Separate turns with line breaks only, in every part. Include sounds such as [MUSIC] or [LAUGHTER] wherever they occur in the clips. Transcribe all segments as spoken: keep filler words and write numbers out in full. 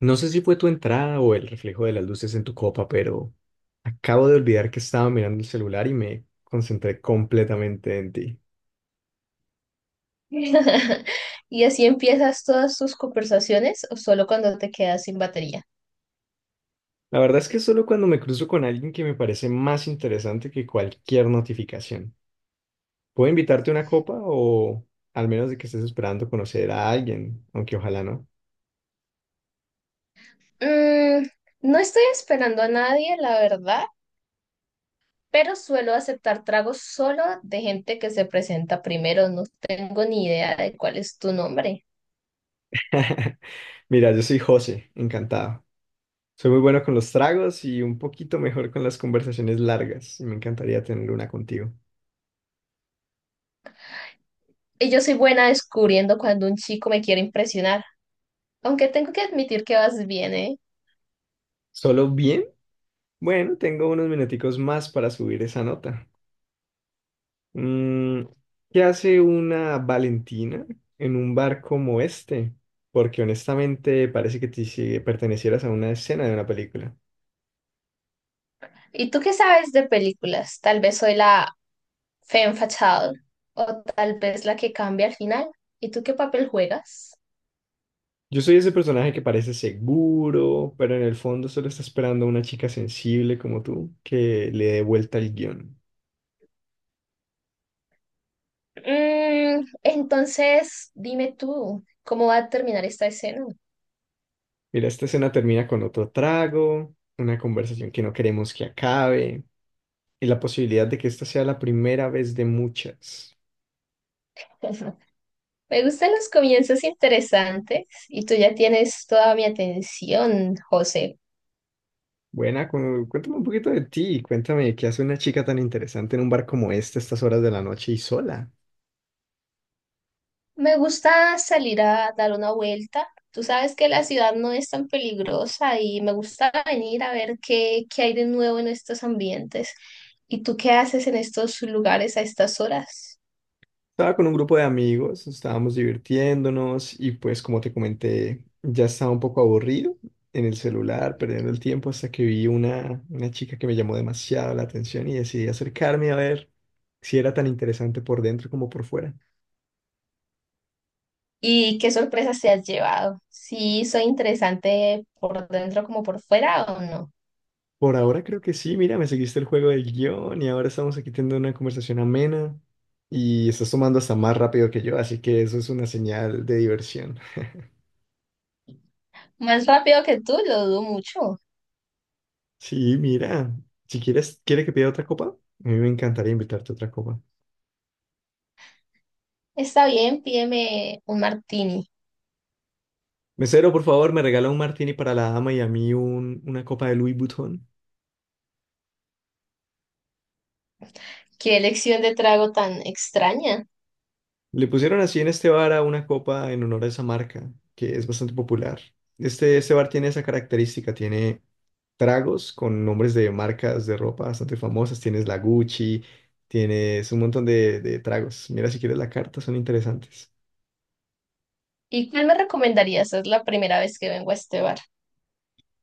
No sé si fue tu entrada o el reflejo de las luces en tu copa, pero acabo de olvidar que estaba mirando el celular y me concentré completamente en ti.
[LAUGHS] ¿Y así empiezas todas tus conversaciones o solo cuando te quedas sin batería?
La verdad es que solo cuando me cruzo con alguien que me parece más interesante que cualquier notificación. ¿Puedo invitarte a una copa o al menos de que estés esperando conocer a alguien, aunque ojalá no?
Mm, no estoy esperando a nadie, la verdad, pero suelo aceptar tragos solo de gente que se presenta primero. No tengo ni idea de cuál es tu nombre.
[LAUGHS] Mira, yo soy José, encantado. Soy muy bueno con los tragos y un poquito mejor con las conversaciones largas y me encantaría tener una contigo.
Y yo soy buena descubriendo cuando un chico me quiere impresionar, aunque tengo que admitir que vas bien, ¿eh?
¿Solo bien? Bueno, tengo unos minuticos más para subir esa nota. Mm, ¿Qué hace una Valentina en un bar como este? Porque honestamente parece que te, si pertenecieras a una escena de una película.
¿Y tú qué sabes de películas? Tal vez soy la femme fatale o tal vez la que cambia al final. ¿Y tú qué papel juegas?
Yo soy ese personaje que parece seguro, pero en el fondo solo está esperando a una chica sensible como tú que le dé vuelta el guión.
Mm, entonces, dime tú, ¿cómo va a terminar esta escena?
Mira, esta escena termina con otro trago, una conversación que no queremos que acabe y la posibilidad de que esta sea la primera vez de muchas.
[LAUGHS] Me gustan los comienzos interesantes y tú ya tienes toda mi atención, José.
Buena, cu- cuéntame un poquito de ti, cuéntame qué hace una chica tan interesante en un bar como este a estas horas de la noche y sola.
Me gusta salir a dar una vuelta. Tú sabes que la ciudad no es tan peligrosa y me gusta venir a ver qué, qué hay de nuevo en estos ambientes. ¿Y tú qué haces en estos lugares a estas horas?
Estaba con un grupo de amigos, estábamos divirtiéndonos y pues como te comenté, ya estaba un poco aburrido en el celular, perdiendo el tiempo hasta que vi una, una chica que me llamó demasiado la atención y decidí acercarme a ver si era tan interesante por dentro como por fuera.
¿Y qué sorpresas te has llevado? ¿Sí soy interesante por dentro como por fuera o no?
Por ahora creo que sí, mira, me seguiste el juego del guión y ahora estamos aquí teniendo una conversación amena y estás tomando hasta más rápido que yo, así que eso es una señal de diversión.
Más rápido que tú, lo dudo mucho.
Sí, mira, si quieres, ¿quiere que pida otra copa? A mí me encantaría invitarte a otra copa.
Está bien, pídeme un martini.
Mesero, por favor, me regala un martini para la dama y a mí un, una copa de Louis Vuitton.
Qué elección de trago tan extraña.
Le pusieron así en este bar a una copa en honor a esa marca, que es bastante popular. Este, este bar tiene esa característica, tiene tragos con nombres de marcas de ropa bastante famosas. Tienes la Gucci, tienes un montón de, de tragos. Mira si quieres la carta, son interesantes.
¿Y cuál me recomendarías? Es la primera vez que vengo a este bar.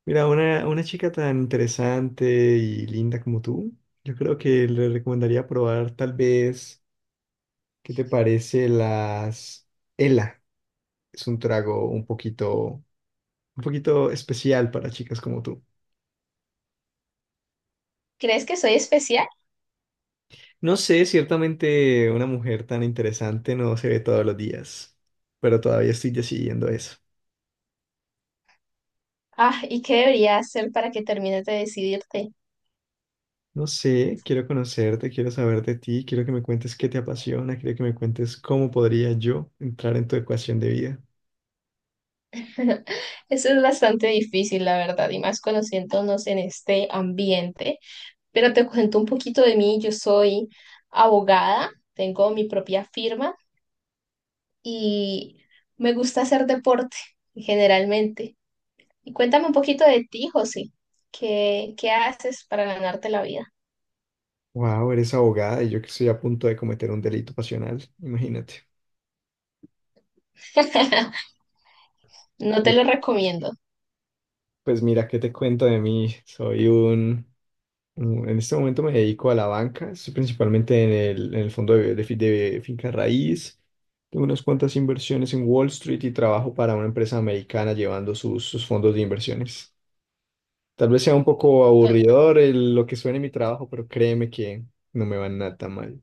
Mira, una, una chica tan interesante y linda como tú, yo creo que le recomendaría probar tal vez, ¿qué te parece las Ela? Es un trago un poquito, un poquito especial para chicas como tú.
¿Crees que soy especial?
No sé, ciertamente una mujer tan interesante no se ve todos los días, pero todavía estoy decidiendo eso.
Ah, ¿y qué debería hacer para que termines de decidirte?
No sé, quiero conocerte, quiero saber de ti, quiero que me cuentes qué te apasiona, quiero que me cuentes cómo podría yo entrar en tu ecuación de vida.
[LAUGHS] Eso es bastante difícil, la verdad, y más conociéndonos en este ambiente. Pero te cuento un poquito de mí. Yo soy abogada, tengo mi propia firma y me gusta hacer deporte generalmente. Y cuéntame un poquito de ti, José. ¿Qué, qué haces para ganarte la vida?
Wow, eres abogada y yo que estoy a punto de cometer un delito pasional, imagínate.
[LAUGHS] No te
Pues,
lo recomiendo.
pues mira, ¿qué te cuento de mí? Soy un Mm, En este momento me dedico a la banca, estoy principalmente en el, en el fondo de, de fi- de finca raíz. Tengo unas cuantas inversiones en Wall Street y trabajo para una empresa americana llevando sus, sus fondos de inversiones. Tal vez sea un poco aburridor el- lo que suene mi trabajo, pero créeme que no me va nada mal.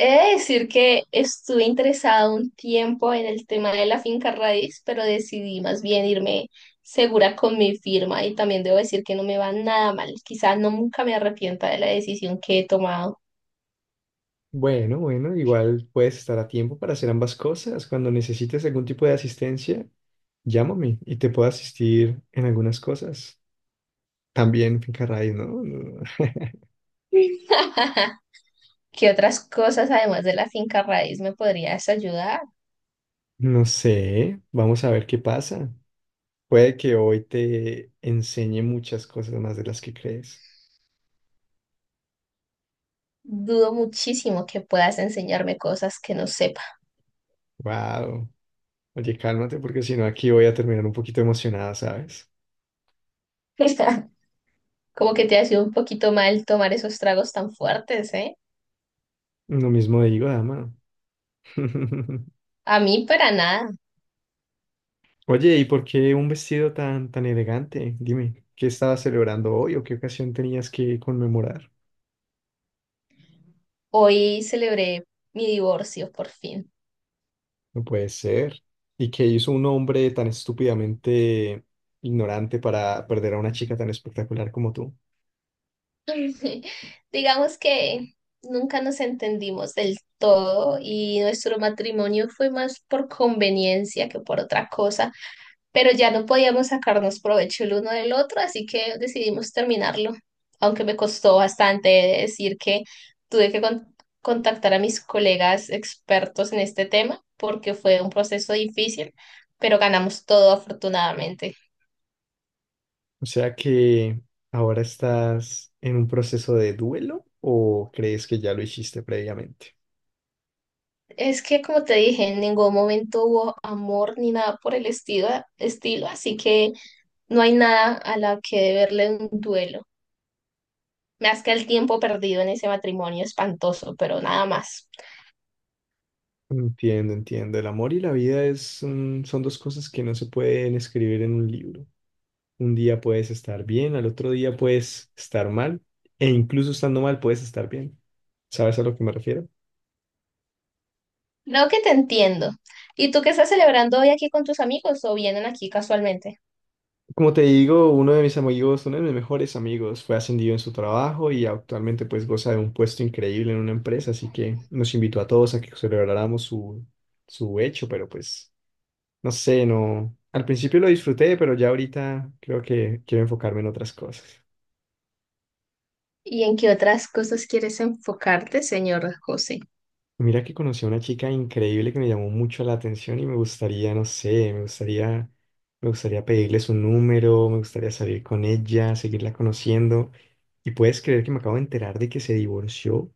He de decir que estuve interesado un tiempo en el tema de la finca raíz, pero decidí más bien irme segura con mi firma y también debo decir que no me va nada mal. Quizás no nunca me arrepienta de la decisión que he tomado.
Bueno, bueno, igual puedes estar a tiempo para hacer ambas cosas. Cuando necesites algún tipo de asistencia, llámame y te puedo asistir en algunas cosas. También finca raíz, ¿no? No,
[LAUGHS] ¿Qué otras cosas además de la finca raíz me podrías ayudar?
no sé, vamos a ver qué pasa. Puede que hoy te enseñe muchas cosas más de las que crees.
Dudo muchísimo que puedas enseñarme cosas que no sepa.
Wow. Oye, cálmate porque si no aquí voy a terminar un poquito emocionada, ¿sabes?
[LAUGHS] Como que te ha sido un poquito mal tomar esos tragos tan fuertes, ¿eh?
Lo mismo digo, dama. [LAUGHS]
A mí para nada.
Oye, ¿y por qué un vestido tan tan elegante? Dime, ¿qué estabas celebrando hoy o qué ocasión tenías que conmemorar?
Hoy celebré mi divorcio por fin.
No puede ser. ¿Y qué hizo un hombre tan estúpidamente ignorante para perder a una chica tan espectacular como tú?
[LAUGHS] Digamos que nunca nos entendimos del todo y nuestro matrimonio fue más por conveniencia que por otra cosa, pero ya no podíamos sacarnos provecho el uno del otro, así que decidimos terminarlo, aunque me costó bastante decir que tuve que con- contactar a mis colegas expertos en este tema, porque fue un proceso difícil, pero ganamos todo afortunadamente.
O sea que ahora estás en un proceso de duelo o crees que ya lo hiciste previamente.
Es que, como te dije, en ningún momento hubo amor ni nada por el estilo, estilo, así que no hay nada a la que deberle un duelo. Más que el tiempo perdido en ese matrimonio espantoso, pero nada más.
Entiendo, entiendo. El amor y la vida es un- son dos cosas que no se pueden escribir en un libro. Un día puedes estar bien, al otro día puedes estar mal, e incluso estando mal puedes estar bien. ¿Sabes a lo que me refiero?
Creo que te entiendo. ¿Y tú qué estás celebrando hoy aquí con tus amigos o vienen aquí casualmente?
Como te digo, uno de mis amigos, uno de mis mejores amigos, fue ascendido en su trabajo y actualmente pues goza de un puesto increíble en una empresa, así que nos invitó a todos a que celebráramos su, su hecho, pero pues no sé, no, al principio lo disfruté, pero ya ahorita creo que quiero enfocarme en otras cosas.
¿Y en qué otras cosas quieres enfocarte, señor José?
Mira que conocí a una chica increíble que me llamó mucho la atención y me gustaría, no sé, me gustaría, me gustaría pedirle su número, me gustaría salir con ella, seguirla conociendo. Y puedes creer que me acabo de enterar de que se divorció. O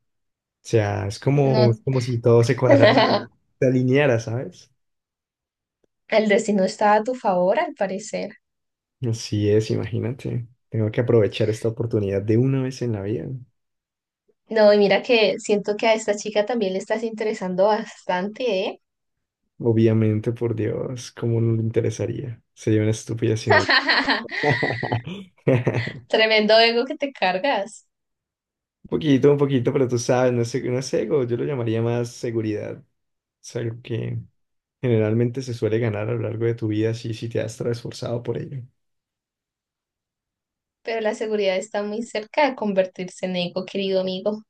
sea, es como,
No.
es como si todo se
[LAUGHS]
cuadrara, se alineara, ¿sabes?
El destino está a tu favor, al parecer.
Así es, imagínate. Tengo que aprovechar esta oportunidad de una vez en la vida.
No, y mira que siento que a esta chica también le estás interesando bastante, ¿eh?
Obviamente, por Dios, ¿cómo no le interesaría? Sería una estupidez si no.
[LAUGHS]
[LAUGHS]
Tremendo ego que te cargas.
Un poquito, un poquito, pero tú sabes, no es, no es ego, yo lo llamaría más seguridad. Es algo que generalmente se suele ganar a lo largo de tu vida si, si te has esforzado por ello.
Pero la seguridad está muy cerca de convertirse en ego, querido amigo.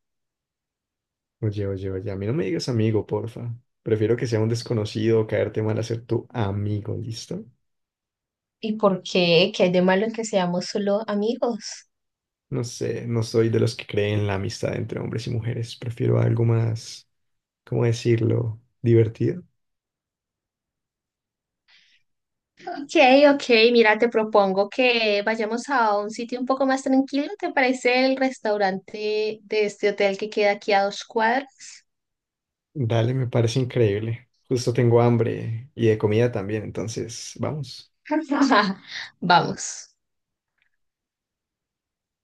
Oye, oye, oye, a mí no me digas amigo, porfa. Prefiero que sea un desconocido o caerte mal a ser tu amigo, ¿listo?
¿Y por qué? ¿Qué hay de malo en que seamos solo amigos?
No sé, no soy de los que creen la amistad entre hombres y mujeres. Prefiero algo más, ¿cómo decirlo? Divertido.
Ok, ok, mira, te propongo que vayamos a un sitio un poco más tranquilo. ¿Te parece el restaurante de este hotel que queda aquí a dos cuadras?
Dale, me parece increíble. Justo tengo hambre y de comida también, entonces, vamos.
[LAUGHS] Vamos.